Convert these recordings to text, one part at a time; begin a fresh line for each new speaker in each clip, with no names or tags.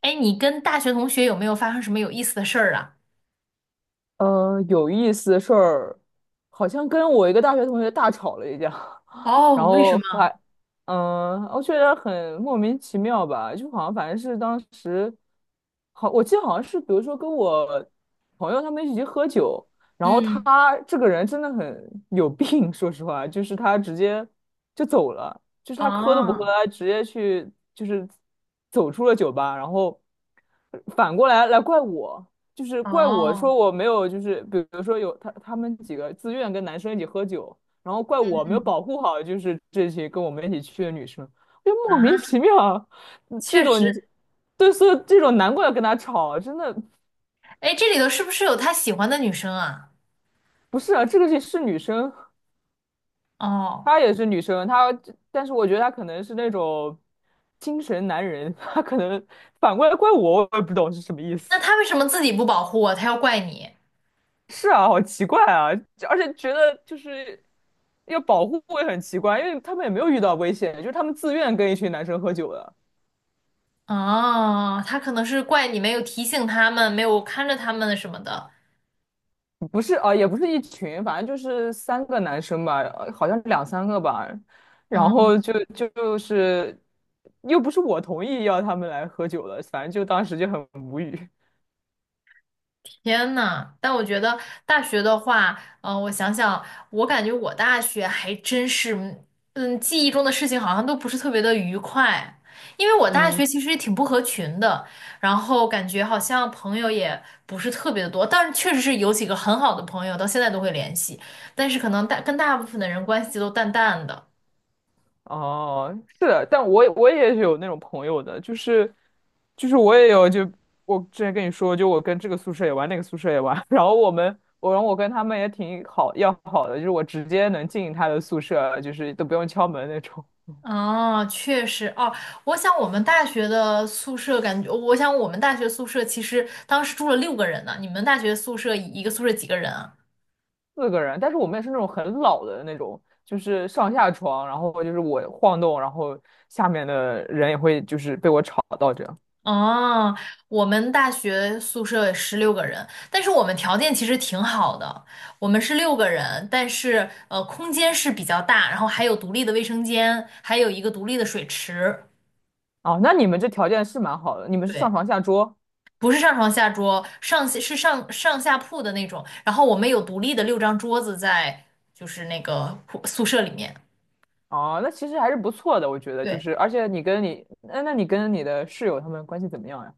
哎，你跟大学同学有没有发生什么有意思的事儿啊？
有意思的事儿，好像跟我一个大学同学大吵了一架，
哦，
然
为什
后
么？
还，我觉得很莫名其妙吧，就好像反正是当时，好，我记得好像是，比如说跟我朋友他们一起喝酒，然后
嗯，
他这个人真的很有病，说实话，就是他直接就走了，就是他喝都不喝，
哦，
他直接去就是走出了酒吧，然后反过来怪我。就是怪我
哦，
说我没有，就是比如说有他们几个自愿跟男生一起喝酒，然后怪
嗯
我没有
嗯
保护好，就是这些跟我们一起去的女生，就莫名其
啊，
妙，嗯这
确
种你
实，
对，所以这种难怪要跟他吵，真的
哎，这里头是不是有他喜欢的女生啊？
不是啊，这个是女生，
哦，
她也是女生，她但是我觉得她可能是那种精神男人，她可能反过来怪我，我也不懂是什么意
那
思。
他为什么自己不保护啊？他要怪你？
是啊，好奇怪啊，就而且觉得就是要保护会很奇怪，因为他们也没有遇到危险，就是他们自愿跟一群男生喝酒的，
哦，他可能是怪你没有提醒他们，没有看着他们什么的。
不是啊，也不是一群，反正就是三个男生吧，好像两三个吧，然
嗯。
后就是又不是我同意要他们来喝酒的，反正就当时就很无语，
天呐，但我觉得大学的话，我想想，我感觉我大学还真是，嗯，记忆中的事情好像都不是特别的愉快，因为我大
嗯。
学其实也挺不合群的，然后感觉好像朋友也不是特别的多，但是确实是有几个很好的朋友，到现在都会联系，但是可能跟大部分的人关系都淡淡的。
哦，是的，但我也是有那种朋友的，就是我也有，就我之前跟你说，就我跟这个宿舍也玩，那个宿舍也玩，然后我跟他们也挺要好的，就是我直接能进他的宿舍，就是都不用敲门那种，
哦，确实哦，我想我们大学宿舍其实当时住了六个人呢。你们大学宿舍一个宿舍几个人啊？
四个人，但是我们也是那种很老的那种，就是上下床，然后就是我晃动，然后下面的人也会就是被我吵到这样。
哦，我们大学宿舍16个人，但是我们条件其实挺好的，我们是六个人，但是空间是比较大，然后还有独立的卫生间，还有一个独立的水池。
哦，那你们这条件是蛮好的，你们是上
对，
床下桌。
不是上床下桌，是上下铺的那种。然后我们有独立的6张桌子在，就是那个铺宿舍里面。
哦，那其实还是不错的，我觉得就
对，
是，而且你跟你的室友他们关系怎么样呀？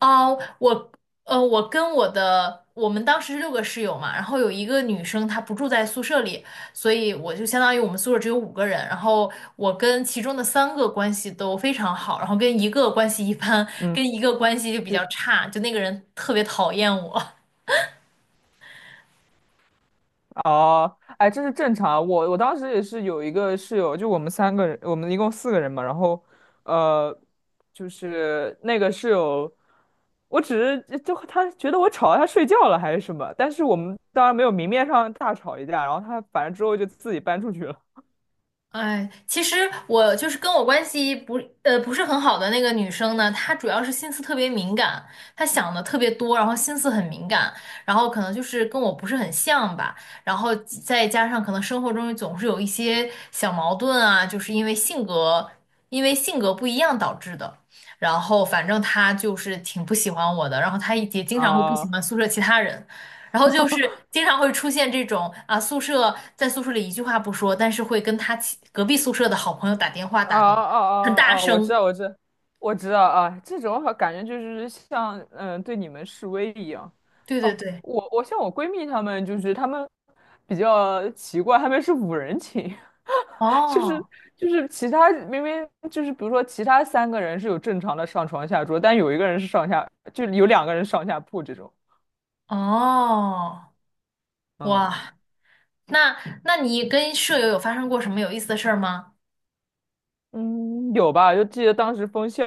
哦，我跟我的我们当时是6个室友嘛，然后有一个女生她不住在宿舍里，所以我就相当于我们宿舍只有5个人，然后我跟其中的3个关系都非常好，然后跟一个关系一般，
嗯，
跟一个关系就比
就
较差，就那个人特别讨厌我。
哦，哎，这是正常啊。我当时也是有一个室友，就我们三个人，我们一共四个人嘛。然后，呃，就是那个室友，我只是就他觉得我吵到他睡觉了还是什么，但是我们当然没有明面上大吵一架。然后他反正之后就自己搬出去了。
哎，其实我就是跟我关系不是很好的那个女生呢，她主要是心思特别敏感，她想的特别多，然后心思很敏感，然后可能就是跟我不是很像吧，然后再加上可能生活中总是有一些小矛盾啊，就是因为性格不一样导致的，然后反正她就是挺不喜欢我的，然后她也经常会不喜
啊、
欢宿舍其他人。然后就是经常会出现这种啊，宿舍在宿舍里一句话不说，但是会跟他其隔壁宿舍的好朋友打电话
啊
打的
啊
很大
啊啊！我知
声。
道，我知道，我知道啊，这种好感觉就是像对你们示威一样。
对对
哦，
对，
我像我闺蜜她们，就是她们比较奇怪，她们是五人寝，就是
哦
就是其他明明就是比如说其他三个人是有正常的上床下桌，但有一个人是上下，就有两个人上下铺这种。
哦，
嗯
哇，那那你跟舍友有发生过什么有意思的事儿吗？
嗯，有吧？就记得当时封校，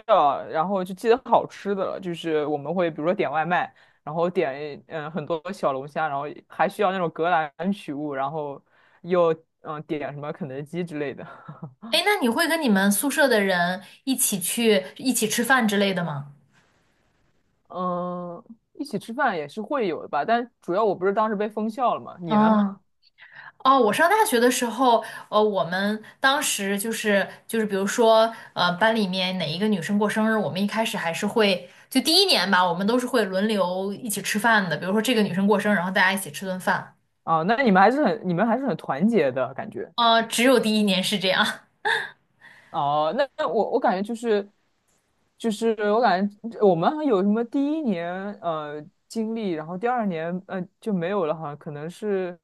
然后就记得好吃的了，就是我们会比如说点外卖，然后点很多小龙虾，然后还需要那种格兰取物，然后又点什么肯德基之类的。
哎，那你会跟你们宿舍的人一起去一起吃饭之类的吗？
嗯，一起吃饭也是会有的吧，但主要我不是当时被封校了嘛，你呢？
嗯。哦，我上大学的时候，我们当时就是，比如说，呃，班里面哪一个女生过生日，我们一开始还是会，就第一年吧，我们都是会轮流一起吃饭的。比如说这个女生过生日，然后大家一起吃顿饭。
啊，那你们还是很团结的感觉。
呃，只有第一年是这样。
哦，那我感觉就是，就是我感觉我们好像有什么第一年经历，然后第二年就没有了，哈，可能是，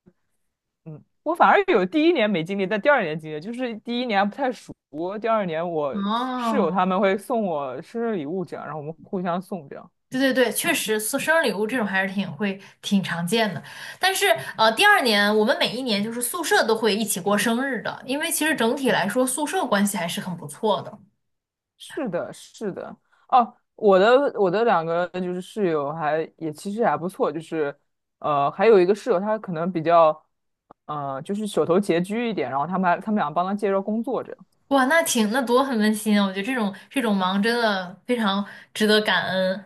嗯，我反而有第一年没经历，但第二年经历，就是第一年还不太熟，第二年我室友
哦，
他们会送我生日礼物这样，然后我们互相送这样。
对对对，确实送生日礼物这种还是挺常见的，但是第2年我们每一年就是宿舍都会一起过生日的，因为其实整体来说宿舍关系还是很不错的。
是的，是的，哦，我的两个就是室友还也其实还不错，就是呃还有一个室友他可能比较。呃，就是手头拮据一点，然后他们俩帮他介绍工作着。
哇，那多很温馨啊！我觉得这种忙真的非常值得感恩。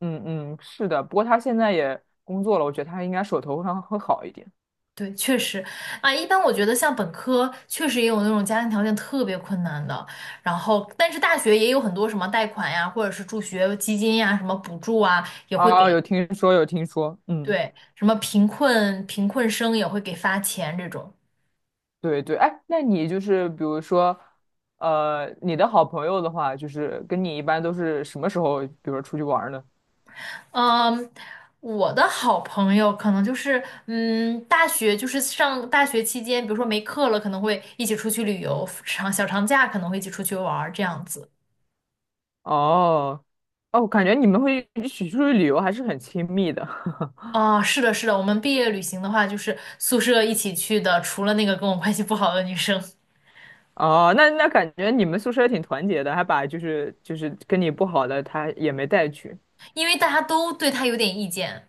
嗯嗯，是的，不过他现在也工作了，我觉得他应该手头上会好一点。
对，确实啊，一般我觉得像本科确实也有那种家庭条件特别困难的，然后但是大学也有很多什么贷款呀，或者是助学基金呀，什么补助啊，也会
啊，
给，
有听说有听说，嗯，
对，什么贫困生也会给发钱这种。
对对，哎，那你就是比如说，呃，你的好朋友的话，就是跟你一般都是什么时候，比如说出去玩儿呢？
嗯，我的好朋友可能就是，嗯，大学就是上大学期间，比如说没课了，可能会一起出去旅游，长小长假可能会一起出去玩儿这样子。
哦，哦，我感觉你们会一起出去旅游还是很亲密的。
啊，是的，是的，我们毕业旅行的话，就是宿舍一起去的，除了那个跟我关系不好的女生。
哦，那那感觉你们宿舍也挺团结的，还把就是跟你不好的他也没带去。
因为大家都对她有点意见，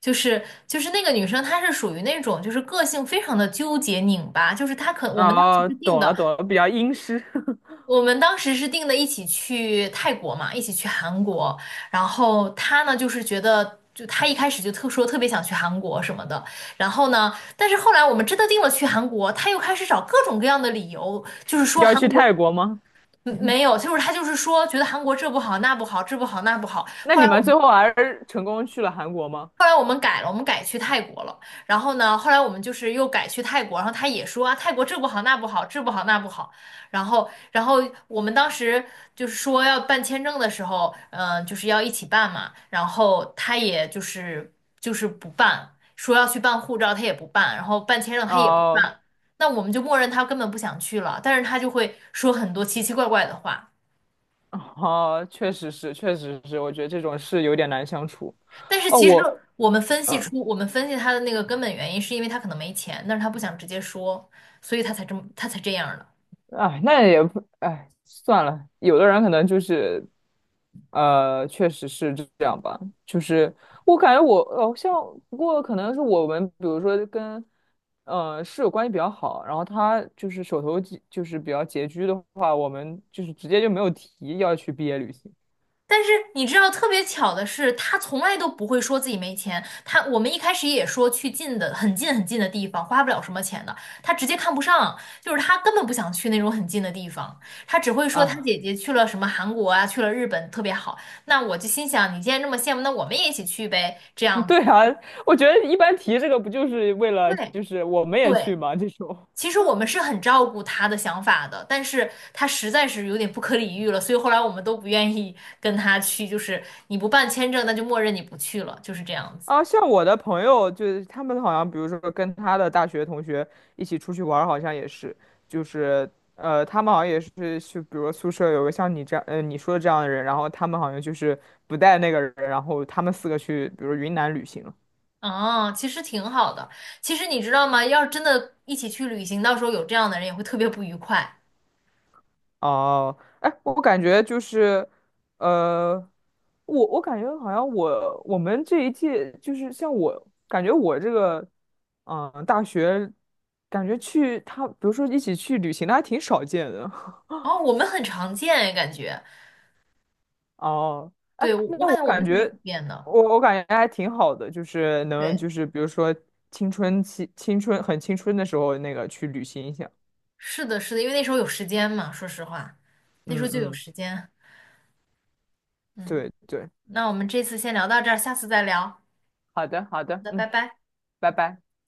就是那个女生，她是属于那种就是个性非常的纠结拧巴，就是她可我们当时
哦，
是定
懂了懂
的。
了，比较阴湿。
我们当时是定的一起去泰国嘛，一起去韩国。然后他呢，就是觉得，就他一开始就特别想去韩国什么的。然后呢，但是后来我们真的定了去韩国，他又开始找各种各样的理由，就是说
要
韩
去
国
泰国吗？
嗯没有，就是他就是说觉得韩国这不好那不好，这不好那不好。
那
后
你
来
们
我。们。
最后还是成功去了韩国吗？
后来我们改了，我们改去泰国了。然后呢，后来我们就是又改去泰国，然后他也说啊，泰国这不好那不好，这不好那不好。然后我们当时就是说要办签证的时候，就是要一起办嘛。然后他也不办，说要去办护照，他也不办，然后办签证他也不
哦
办。那我们就默认他根本不想去了，但是他就会说很多奇奇怪怪的话。
哦，确实是，确实是，我觉得这种事有点难相处。
但是
哦，
其实
我，嗯、
我们分析他的那个根本原因，是因为他可能没钱，但是他不想直接说，所以他才这样的。
哎，那也不，哎，算了。有的人可能就是，呃，确实是这样吧。就是我感觉我，哦，像不过可能是我们，比如说跟，呃，室友关系比较好，然后他就是手头拮就是比较拮据的话，我们就是直接就没有提要去毕业旅行
但是你知道，特别巧的是，他从来都不会说自己没钱。他我们一开始也说去近的、很近很近的地方，花不了什么钱的。他直接看不上，就是他根本不想去那种很近的地方，他只会说他
啊。
姐姐去了什么韩国啊，去了日本特别好。那我就心想，你既然这么羡慕，那我们也一起去呗，这 样子。
对啊，我觉得一般提这个不就是为了
对
就是我们也去
对，
嘛这种。
其实我们是很照顾他的想法的，但是他实在是有点不可理喻了，所以后来我们都不愿意 跟他去，就是你不办签证，那就默认你不去了，就是这样子。
啊，像我的朋友，就是他们好像，比如说跟他的大学同学一起出去玩儿好像也是，就是呃，他们好像也是去，比如说宿舍有个像你这样，呃，你说的这样的人，然后他们好像就是不带那个人，然后他们四个去，比如云南旅行了
啊。其实挺好的。其实你知道吗？要是真的一起去旅行，到时候有这样的人也会特别不愉快。
哦，哎，我感觉就是，呃，我感觉好像我们这一届就是像我感觉我这个。嗯，大学感觉去他，比如说一起去旅行的还挺少见的。
哦，我们很常见哎，感觉，
哦，哎，
对，我我
那我
感觉我们
感
挺普
觉，
遍的。
我感觉还挺好的，就是能
对，
就是比如说青春很青春的时候，那个去旅行一下。
是的，是的，因为那时候有时间嘛，说实话，那时候
嗯
就有
嗯，
时间。嗯，
对对，
那我们这次先聊到这儿，下次再聊。好
好的好的，
的，拜
嗯，
拜。
拜拜。